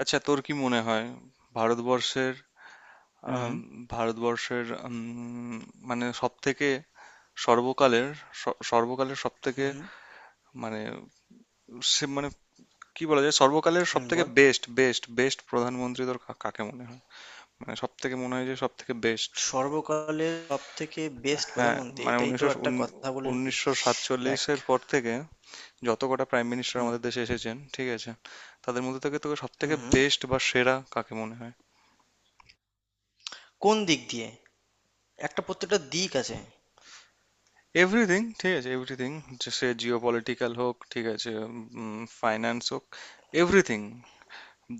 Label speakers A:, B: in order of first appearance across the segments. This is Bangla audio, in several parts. A: আচ্ছা তোর কি মনে হয় ভারতবর্ষের
B: হুম,
A: আম, ভারতবর্ষের মানে সব থেকে সর্বকালের সর্বকালের সব থেকে
B: হুম, হুম,
A: মানে সে মানে কি বলা যায় সর্বকালের সব
B: হুম,
A: থেকে
B: বল।
A: বেস্ট বেস্ট বেস্ট প্রধানমন্ত্রী তোর কাকে মনে হয় মানে সব থেকে মনে হয় যে সব থেকে বেস্ট।
B: সর্বকালের সবথেকে বেস্ট
A: হ্যাঁ
B: প্রধানমন্ত্রী
A: মানে
B: এটাই তো
A: উনিশশো
B: একটা কথা বলি।
A: উনিশশো
B: দেখ,
A: সাতচল্লিশের পর থেকে যত কটা প্রাইম মিনিস্টার
B: হুম
A: আমাদের দেশে এসেছেন ঠিক আছে তাদের মধ্যে থেকে তোকে সব
B: হুম
A: থেকে
B: হুম।
A: বেস্ট বা সেরা কাকে মনে হয়।
B: কোন দিক দিয়ে? একটা প্রত্যেকটা দিক আছে।
A: এভরিথিং ঠিক আছে এভরিথিং সে জিও পলিটিক্যাল হোক ঠিক আছে ফাইন্যান্স হোক এভরিথিং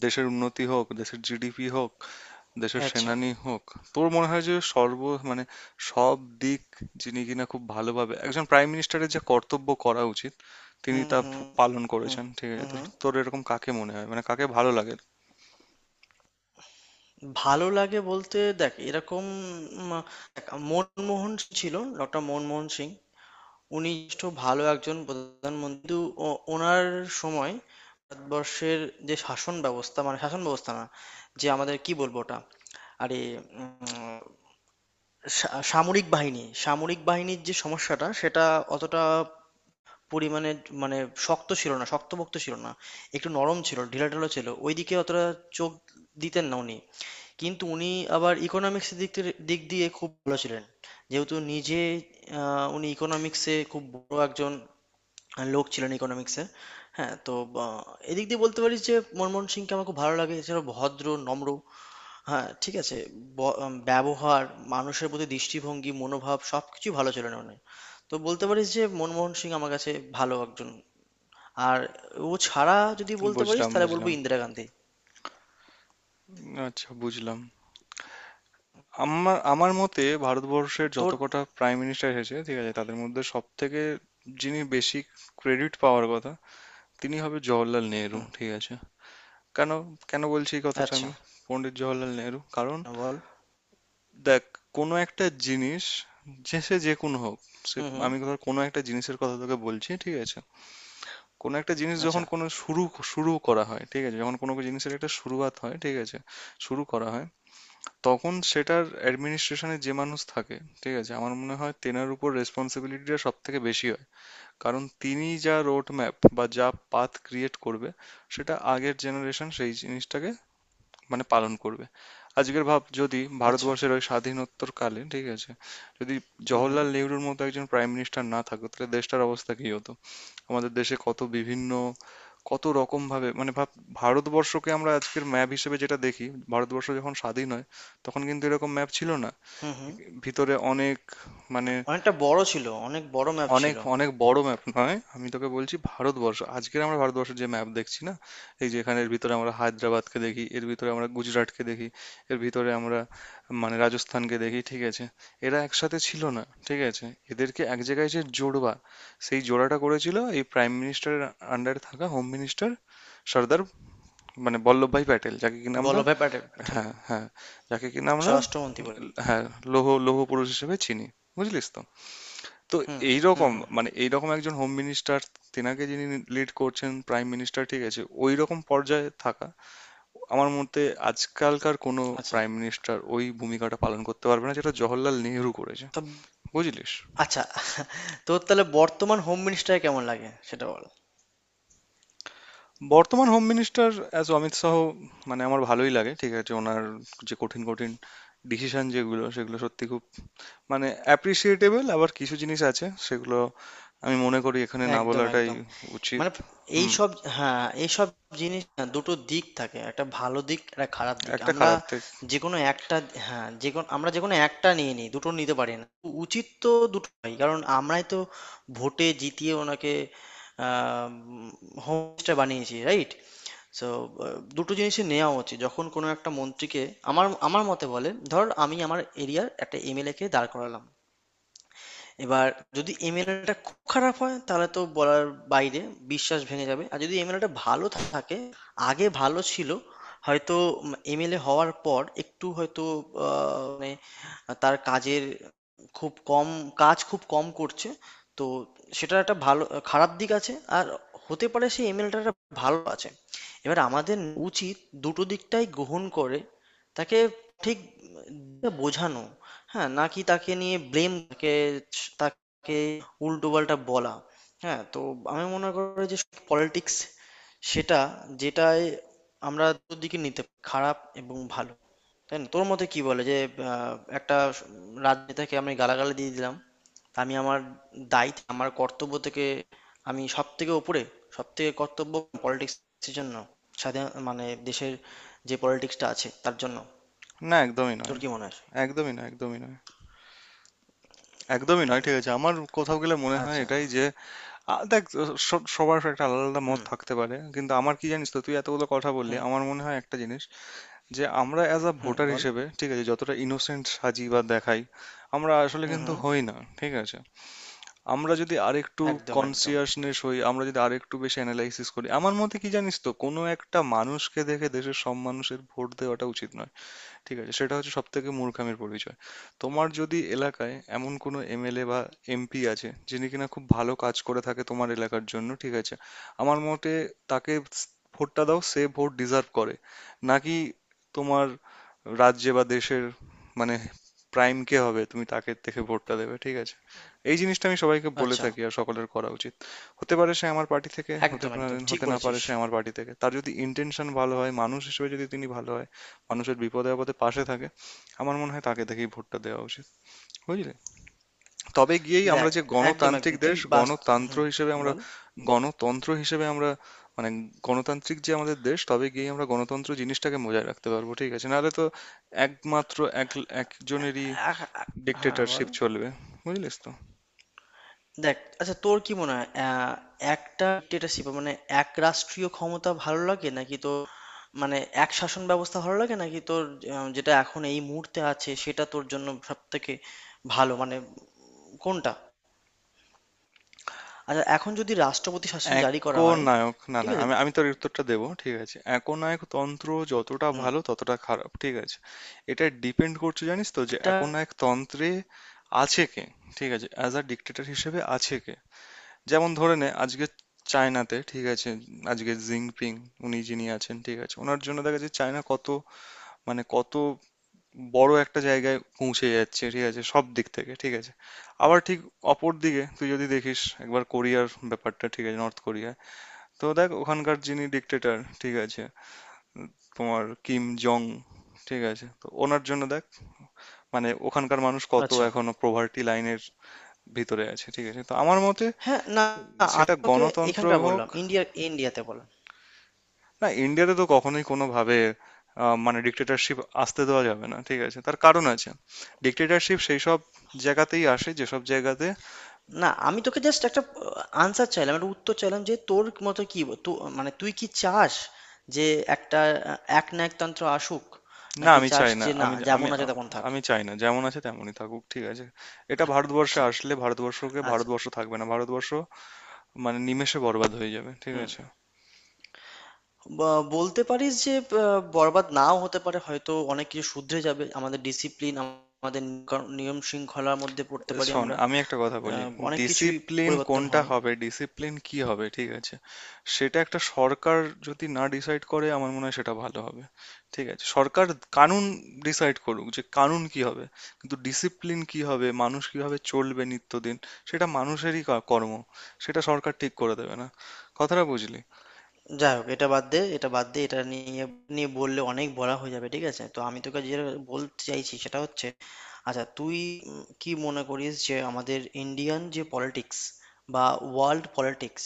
A: দেশের উন্নতি হোক দেশের জিডিপি হোক দেশের
B: আচ্ছা,
A: সেনানি হোক তোর মনে হয় যে সর্ব মানে সব দিক যিনি কিনা খুব ভালোভাবে একজন প্রাইম মিনিস্টারের যে কর্তব্য করা উচিত তিনি
B: হুম
A: তা
B: হুম
A: পালন
B: হুম
A: করেছেন ঠিক আছে
B: হুম
A: তোর
B: হুম।
A: তোর এরকম কাকে মনে হয় মানে কাকে ভালো লাগে।
B: ভালো লাগে বলতে দেখ এরকম উম, দেখ, মনমোহন সিং ছিল, ডক্টর মনমোহন সিং। উনি যথেষ্ট ভালো একজন প্রধানমন্ত্রী, কিন্তু ওনার সময় ভারতবর্ষের যে শাসন ব্যবস্থা, মানে শাসন ব্যবস্থা না, যে আমাদের কি বলবো ওটা, আরে উম, সামরিক বাহিনী, সামরিক বাহিনীর যে সমস্যাটা, সেটা অতটা পরিমাণে মানে শক্ত ছিল না, শক্তপোক্ত ছিল না। একটু নরম ছিল, ঢিলাঢালা ছিল, ওইদিকে অতটা চোখ দিতেন না উনি। কিন্তু উনি আবার ইকোনমিক্সের দিক দিয়ে খুব ভালো ছিলেন, যেহেতু নিজে উনি ইকোনমিক্সে খুব বড় একজন লোক ছিলেন, ইকোনমিক্সে। হ্যাঁ, তো আহ, এদিক দিয়ে বলতে পারি যে মনমোহন সিংকে আমার খুব ভালো লাগে। এছাড়া ভদ্র, নম্র, হ্যাঁ, ঠিক আছে। ব ব্যবহার, মানুষের প্রতি দৃষ্টিভঙ্গি, মনোভাব সবকিছুই ভালো ছিল নয়নের। তো বলতে পারিস যে মনমোহন সিং আমার কাছে ভালো একজন। আর ও ছাড়া যদি বলতে পারিস
A: বুঝলাম
B: তাহলে বলবো
A: বুঝলাম,
B: ইন্দিরা গান্ধী।
A: আচ্ছা বুঝলাম। আমার আমার মতে ভারতবর্ষের যত
B: তোর
A: কটা প্রাইম মিনিস্টার এসেছে ঠিক আছে তাদের মধ্যে সব থেকে যিনি বেশি ক্রেডিট পাওয়ার কথা তিনি হবে জওহরলাল নেহেরু
B: হুম,
A: ঠিক আছে। কেন কেন বলছি এই কথাটা
B: আচ্ছা,
A: আমি, পণ্ডিত জওহরলাল নেহেরু, কারণ
B: বল।
A: দেখ কোনো একটা জিনিস যে সে যে কোনো হোক সে
B: হুম, হুম,
A: আমি ধর কোনো একটা জিনিসের কথা তোকে বলছি ঠিক আছে। কোনো একটা জিনিস যখন
B: আচ্ছা,
A: কোনো শুরু, শুরু করা হয় ঠিক আছে যখন কোনো জিনিসের একটা শুরুয়াত হয় ঠিক আছে শুরু করা হয় তখন সেটার অ্যাডমিনিস্ট্রেশনে যে মানুষ থাকে ঠিক আছে আমার মনে হয় তেনার উপর রেসপন্সিবিলিটিটা সব থেকে বেশি হয়। কারণ তিনি যা রোড ম্যাপ বা যা পাথ ক্রিয়েট করবে সেটা আগের জেনারেশন সেই জিনিসটাকে মানে পালন করবে। আজকের ভাব যদি
B: আচ্ছা।
A: ভারতবর্ষের ওই স্বাধীনোত্তর কালে ঠিক আছে যদি
B: হুম, হুম,
A: জওহরলাল নেহরুর মতো একজন প্রাইম মিনিস্টার না থাকতো তাহলে দেশটার অবস্থা কি হতো। আমাদের দেশে কত বিভিন্ন কত রকম ভাবে মানে ভাব ভারতবর্ষকে আমরা আজকের ম্যাপ হিসেবে যেটা দেখি ভারতবর্ষ যখন স্বাধীন হয় তখন কিন্তু এরকম ম্যাপ ছিল না।
B: হুম, হুম।
A: ভিতরে অনেক মানে
B: অনেকটা বড় ছিল, অনেক বড় ম্যাপ
A: অনেক
B: ছিল।
A: অনেক বড় ম্যাপ নয় আমি তোকে বলছি ভারতবর্ষ আজকের আমরা ভারতবর্ষের যে ম্যাপ দেখছি না এই যে এখানের ভিতরে আমরা হায়দ্রাবাদকে দেখি এর ভিতরে আমরা গুজরাটকে দেখি এর ভিতরে আমরা মানে রাজস্থানকে দেখি ঠিক আছে এরা একসাথে ছিল না ঠিক আছে এদেরকে এক জায়গায় যে জোড়বা সেই জোড়াটা করেছিল এই প্রাইম মিনিস্টারের আন্ডারে থাকা হোম মিনিস্টার সর্দার মানে বল্লভভাই প্যাটেল যাকে কিনা আমরা,
B: বল্লভভাই প্যাটে প্যাটেল,
A: হ্যাঁ হ্যাঁ, যাকে কিনা আমরা,
B: স্বরাষ্ট্রমন্ত্রী বলে।
A: হ্যাঁ, লৌহ লৌহ পুরুষ হিসেবে চিনি, বুঝলিস তো। তো
B: হুম, হুম,
A: এইরকম
B: হুম, হুম।
A: মানে এইরকম একজন হোম মিনিস্টার তেনাকে যিনি লিড করছেন প্রাইম মিনিস্টার ঠিক আছে ওই রকম পর্যায়ে থাকা আমার মতে আজকালকার কোনো
B: আচ্ছা।
A: প্রাইম মিনিস্টার ওই ভূমিকাটা পালন করতে পারবে না যেটা জওহরলাল নেহরু করেছে,
B: তো
A: বুঝলিস।
B: আচ্ছা, তোর তাহলে বর্তমান হোম মিনিস্টার কেমন লাগে সেটা বল?
A: বর্তমান home minister as Amit Shah মানে আমার ভালোই লাগে ঠিক আছে ওনার যে কঠিন কঠিন ডিসিশন যেগুলো সেগুলো সত্যি খুব মানে অ্যাপ্রিসিয়েটেবল আবার কিছু জিনিস আছে সেগুলো আমি মনে করি এখানে না
B: একদম,
A: বলাটাই
B: একদম।
A: উচিত।
B: মানে
A: হুম,
B: এইসব, হ্যাঁ এইসব জিনিস না, দুটো দিক থাকে, একটা ভালো দিক, একটা খারাপ দিক,
A: একটা
B: আমরা
A: খারাপ দিক।
B: যে কোনো একটা, হ্যাঁ যে কোনো, আমরা যে কোনো একটা নিয়ে নিই, দুটো নিতে পারি না। উচিত তো দুটোই, কারণ আমরাই তো ভোটে জিতিয়ে ওনাকে হোম মিনিস্টার বানিয়েছি, রাইট? সো দুটো জিনিসই নেওয়া উচিত যখন কোনো একটা মন্ত্রীকে আমার আমার মতে বলে ধর, আমি আমার এরিয়ার একটা এমএলএ কে দাঁড় করালাম। এবার যদি এমএলএটা খুব খারাপ হয় তাহলে তো বলার বাইরে, বিশ্বাস ভেঙে যাবে। আর যদি এমএলএটা ভালো থাকে, আগে ভালো ছিল হয়তো, এমএলএ হওয়ার পর একটু হয়তো মানে তার কাজের খুব কম, কাজ খুব কম করছে, তো সেটার একটা ভালো খারাপ দিক আছে। আর হতে পারে সেই এমএলএটা ভালো আছে, এবার আমাদের উচিত দুটো দিকটাই গ্রহণ করে তাকে ঠিক বোঝানো, হ্যাঁ? নাকি তাকে নিয়ে ব্লেম কে তাকে উল্টোপাল্টা বলা, হ্যাঁ? তো আমি মনে করি যে পলিটিক্স সেটা যেটায় আমরা দুদিকে নিতে পারি, খারাপ এবং ভালো। তাই না? তোর মতে কি বলে যে একটা রাজনেতাকে আমি গালাগালি দিয়ে দিলাম, আমি দায়িত্ব আমার কর্তব্য থেকে আমি সব থেকে উপরে, সব থেকে কর্তব্য পলিটিক্সের জন্য, স্বাধীন মানে দেশের যে পলিটিক্সটা আছে তার জন্য।
A: না একদমই
B: তোর
A: নয়,
B: কি মনে হয়?
A: একদমই না, একদমই নয়, একদমই নয় ঠিক আছে আমার কোথাও গেলে মনে হয়
B: আচ্ছা।
A: এটাই যে দেখ, সবার একটা আলাদা আলাদা মত
B: হুম
A: থাকতে পারে কিন্তু আমার কি জানিস তো তুই এতগুলো কথা বললি
B: হুম
A: আমার মনে হয় একটা জিনিস যে আমরা অ্যাজ আ
B: হুম,
A: ভোটার
B: বল।
A: হিসেবে ঠিক আছে যতটা ইনোসেন্ট সাজি বা দেখাই আমরা আসলে
B: হুম
A: কিন্তু
B: হুম।
A: হই না ঠিক আছে। আমরা যদি আরেকটু
B: একদম একদম।
A: কনসিয়াসনেস হই আমরা যদি আরেকটু বেশি অ্যানালাইসিস করি আমার মতে কি জানিস তো কোনো একটা মানুষকে দেখে দেশের সব মানুষের ভোট দেওয়াটা উচিত নয় ঠিক আছে সেটা হচ্ছে সবথেকে মূর্খামির পরিচয়। তোমার যদি এলাকায় এমন কোনো এমএলএ বা এমপি আছে যিনি কিনা খুব ভালো কাজ করে থাকে তোমার এলাকার জন্য ঠিক আছে আমার মতে তাকে ভোটটা দাও, সে ভোট ডিজার্ভ করে। নাকি তোমার রাজ্যে বা দেশের মানে প্রাইম কে হবে তুমি তাকে থেকে ভোটটা দেবে ঠিক আছে এই জিনিসটা আমি সবাইকে বলে
B: আচ্ছা,
A: থাকি আর সকলের করা উচিত। হতে পারে সে আমার পার্টি থেকে হতে
B: একদম একদম
A: পারে,
B: ঠিক
A: হতে না পারে
B: বলেছিস।
A: সে আমার পার্টি থেকে তার যদি ইন্টেনশন ভালো হয় মানুষ হিসেবে যদি তিনি ভালো হয় মানুষের বিপদে আপদে পাশে থাকে আমার মনে হয় তাকে দেখেই ভোটটা দেওয়া উচিত, বুঝলে। তবে গিয়েই আমরা
B: দেখ,
A: যে
B: একদম
A: গণতান্ত্রিক
B: একদম তুই
A: দেশ
B: বাস,
A: গণতন্ত্র
B: হুম
A: হিসেবে আমরা
B: বল।
A: গণতন্ত্র হিসেবে আমরা মানে গণতান্ত্রিক যে আমাদের দেশ তবে গিয়ে আমরা গণতন্ত্র জিনিসটাকে বজায় রাখতে পারবো ঠিক আছে নাহলে তো একমাত্র এক একজনেরই
B: হ্যাঁ বল।
A: ডিক্টেটরশিপ চলবে, বুঝলিস তো।
B: দেখ আচ্ছা, তোর কি মনে হয়, একটা ডিক্টেটরশিপ মানে এক রাষ্ট্রীয় ক্ষমতা ভালো লাগে নাকি তোর, মানে এক শাসন ব্যবস্থা ভালো লাগে নাকি তোর? যেটা এখন এই মুহূর্তে আছে সেটা তোর জন্য সব থেকে ভালো, মানে কোনটা? আচ্ছা, এখন যদি রাষ্ট্রপতি শাসন জারি করা হয়?
A: একনায়ক, না
B: ঠিক
A: না
B: আছে।
A: আমি আমি তোর এই উত্তরটা দেবো ঠিক আছে একনায়ক তন্ত্র যতটা
B: হুম।
A: ভালো ততটা খারাপ ঠিক আছে এটা ডিপেন্ড করছে জানিস তো যে
B: একটা
A: একনায়ক তন্ত্রে আছে কে ঠিক আছে অ্যাজ আ ডিক্টেটর হিসেবে আছে কে। যেমন ধরে নে আজকে চায়নাতে ঠিক আছে আজকে জিনপিং উনি যিনি আছেন ঠিক আছে ওনার জন্য দেখা যাচ্ছে চায়না কত মানে কত বড় একটা জায়গায় পৌঁছে যাচ্ছে ঠিক আছে সব দিক থেকে ঠিক আছে। আবার ঠিক অপর দিকে তুই যদি দেখিস একবার কোরিয়ার ব্যাপারটা ঠিক আছে, নর্থ কোরিয়া, তো দেখ ওখানকার যিনি ডিক্টেটর ঠিক আছে তোমার কিম জং ঠিক আছে তো ওনার জন্য দেখ মানে ওখানকার মানুষ কত
B: আচ্ছা।
A: এখনো পোভার্টি লাইনের ভিতরে আছে ঠিক আছে তো আমার মতে
B: হ্যাঁ, না, আমি
A: সেটা
B: তোকে
A: গণতন্ত্র
B: এখানকার
A: হোক।
B: বললাম, ইন্ডিয়ার, ইন্ডিয়াতে বললাম।
A: না ইন্ডিয়াতে তো কখনোই কোনোভাবে মানে ডিক্টেটরশিপ আসতে দেওয়া যাবে না ঠিক আছে তার কারণ আছে। ডিক্টেটরশিপ সেই সব জায়গাতেই আসে যেসব জায়গাতে।
B: না, আমি তোকে জাস্ট একটা আনসার চাইলাম, একটা উত্তর চাইলাম যে তোর মতে কি মানে তুই কি চাস যে একটা আ একনায়কতন্ত্র আসুক?
A: না
B: নাকি
A: আমি
B: চাস
A: চাই না,
B: যে না,
A: আমি
B: যেমন
A: আমি
B: আছে তেমন থাক?
A: আমি চাই না, যেমন আছে তেমনই থাকুক ঠিক আছে এটা ভারতবর্ষে
B: আচ্ছা,
A: আসলে ভারতবর্ষকে
B: আচ্ছা।
A: ভারতবর্ষ থাকবে না ভারতবর্ষ মানে নিমেষে বরবাদ হয়ে যাবে ঠিক
B: হুম।
A: আছে।
B: ব বলতে পারিস যে আ বরবাদ নাও হতে পারে, হয়তো অনেক কিছু শুধরে যাবে। আমাদের ডিসিপ্লিন, আমাদের নিয়ম শৃঙ্খলার মধ্যে পড়তে পারি
A: শোন
B: আমরা।
A: আমি একটা কথা
B: আ
A: বলি,
B: অনেক কিছুই
A: ডিসিপ্লিন
B: পরিবর্তন
A: কোনটা
B: হয়।
A: হবে ডিসিপ্লিন কি হবে ঠিক আছে সেটা একটা সরকার যদি না ডিসাইড করে আমার মনে হয় সেটা ভালো হবে ঠিক আছে সরকার কানুন ডিসাইড করুক যে কানুন কি হবে কিন্তু ডিসিপ্লিন কি হবে মানুষ কিভাবে চলবে নিত্যদিন সেটা মানুষেরই কর্ম, সেটা সরকার ঠিক করে দেবে না, কথাটা বুঝলি।
B: যাই হোক, এটা বাদ দে, এটা বাদ দে, এটা নিয়ে নিয়ে বললে অনেক বলা হয়ে যাবে। ঠিক আছে, তো আমি তোকে যেটা বলতে চাইছি সেটা হচ্ছে, আচ্ছা তুই কি মনে করিস যে আমাদের ইন্ডিয়ান যে পলিটিক্স বা ওয়ার্ল্ড পলিটিক্স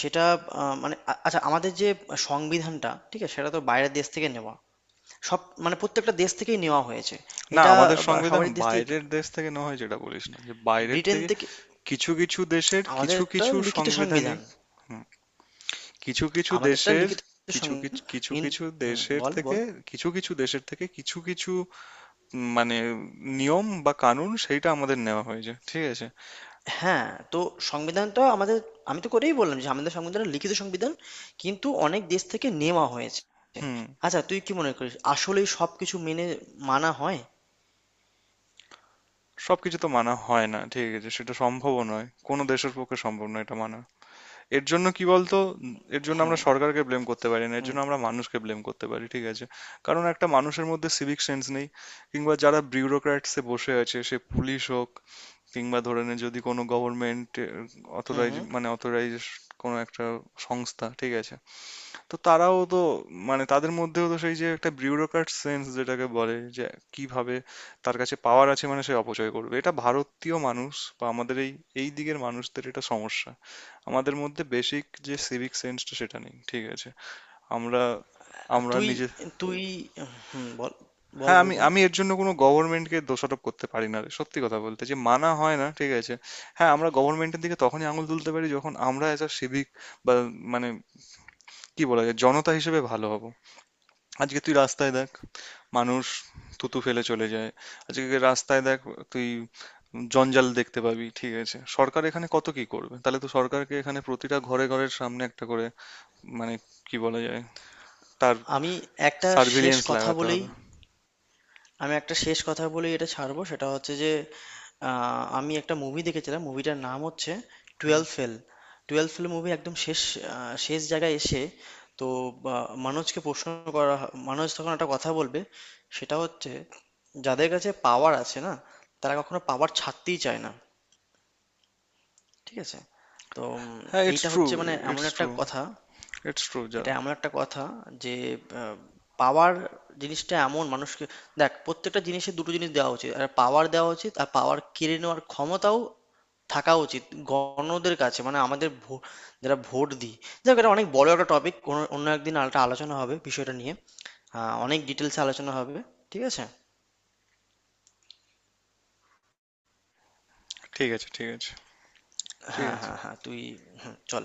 B: সেটা মানে আচ্ছা আমাদের যে সংবিধানটা, ঠিক আছে, সেটা তো বাইরের দেশ থেকে নেওয়া, সব মানে প্রত্যেকটা দেশ থেকেই নেওয়া হয়েছে
A: না
B: এটা,
A: আমাদের
B: বা
A: সংবিধান
B: সবারই দেশ থেকে একটু,
A: বাইরের দেশ থেকে নেওয়া হয় যেটা বলিস না যে বাইরের
B: ব্রিটেন
A: থেকে
B: থেকে।
A: কিছু কিছু দেশের
B: আমাদের
A: কিছু
B: একটা
A: কিছু
B: লিখিত সংবিধান,
A: সাংবিধানিক, হুম, কিছু কিছু
B: আমাদেরটা
A: দেশের
B: লিখিত
A: কিছু
B: সংবিধান
A: কিছু কিছু
B: কিন্তু।
A: কিছু
B: হুম,
A: দেশের
B: বল
A: থেকে
B: বল
A: কিছু কিছু দেশের থেকে কিছু কিছু মানে নিয়ম বা কানুন সেইটা আমাদের নেওয়া হয়েছে ঠিক আছে।
B: হ্যাঁ, তো সংবিধানটা আমাদের, আমি তো করেই বললাম যে আমাদের সংবিধানটা লিখিত সংবিধান, কিন্তু অনেক দেশ থেকে নেওয়া হয়েছে।
A: হুম।
B: আচ্ছা, তুই কি মনে করিস আসলেই সবকিছু মেনে মানা হয়?
A: সবকিছু তো মানা হয় না ঠিক আছে সেটা সম্ভবও নয় কোনো দেশের পক্ষে সম্ভব নয় এটা মানা, এর জন্য কি বলতো এর জন্য আমরা
B: হুম
A: সরকারকে ব্লেম করতে পারি না এর
B: হুম
A: জন্য আমরা মানুষকে ব্লেম করতে পারি ঠিক আছে। কারণ একটা মানুষের মধ্যে সিভিক সেন্স নেই কিংবা যারা বিউরোক্র্যাটসে বসে আছে সে পুলিশ হোক কিংবা ধরে নে যদি কোনো গভর্নমেন্ট
B: হুম হুম।
A: অথরাইজ কোনো একটা সংস্থা ঠিক আছে তো তারাও তো মানে তাদের মধ্যেও তো সেই যে একটা বিউরোক্র্যাট সেন্স যেটাকে বলে যে কিভাবে তার কাছে পাওয়ার আছে মানে সে অপচয় করবে। এটা ভারতীয় মানুষ বা আমাদের এই এই দিকের মানুষদের এটা সমস্যা, আমাদের মধ্যে বেসিক যে সিভিক সেন্সটা সেটা নেই ঠিক আছে। আমরা আমরা
B: তুই
A: নিজে,
B: তুই হুম, বল বল
A: হ্যাঁ,
B: বল
A: আমি আমি এর জন্য কোনো গভর্নমেন্টকে দোষারোপ করতে পারি না। সত্যি কথা বলতে যে মানা হয় না, ঠিক আছে? হ্যাঁ, আমরা গভর্নমেন্টের দিকে তখনই আঙুল তুলতে পারি যখন আমরা as a civic বা মানে কি বলা যায়? জনতা হিসেবে ভালো হব। আজকে তুই রাস্তায় দেখ মানুষ থুতু ফেলে চলে যায়। আজকে রাস্তায় দেখ তুই জঞ্জাল দেখতে পাবি, ঠিক আছে? সরকার এখানে কত কি করবে? তাহলে তো সরকারকে এখানে প্রতিটা ঘরে, ঘরের সামনে একটা করে মানে কি বলা যায়? তার
B: আমি একটা শেষ
A: সার্ভিলিয়েন্স
B: কথা
A: লাগাতে
B: বলেই
A: হবে।
B: আমি একটা শেষ কথা বলি, এটা ছাড়বো। সেটা হচ্ছে যে আমি একটা মুভি দেখেছিলাম, মুভিটার নাম হচ্ছে
A: হুম।
B: Twelve fail. Twelve fail movie একদম শেষ, শেষ জায়গায় এসে, তো মানুষকে প্রশ্ন করা মানুষ তখন একটা কথা বলবে, সেটা হচ্ছে যাদের কাছে পাওয়ার আছে না, তারা কখনো পাওয়ার ছাড়তেই চায় না। ঠিক আছে, তো
A: হ্যাঁ, it's
B: এইটা হচ্ছে
A: true,
B: মানে এমন
A: it's
B: একটা
A: true,
B: কথা,
A: it's true যা,
B: এটা এমন একটা কথা যে আহ, পাওয়ার জিনিসটা এমন, মানুষকে দেখ প্রত্যেকটা জিনিসে দুটো জিনিস দেওয়া উচিত, আর পাওয়ার দেওয়া উচিত আর পাওয়ার কেড়ে নেওয়ার ক্ষমতাও থাকা উচিত গণদের কাছে, মানে আমাদের যারা ভোট দিই। যাক, এটা অনেক বড় একটা টপিক, কোনো অন্য একদিন আলোচনা হবে বিষয়টা নিয়ে, অনেক ডিটেলসে আলোচনা হবে। ঠিক আছে,
A: ঠিক আছে, ঠিক আছে, ঠিক
B: হ্যাঁ
A: আছে।
B: হ্যাঁ হ্যাঁ তুই, হুম, চল।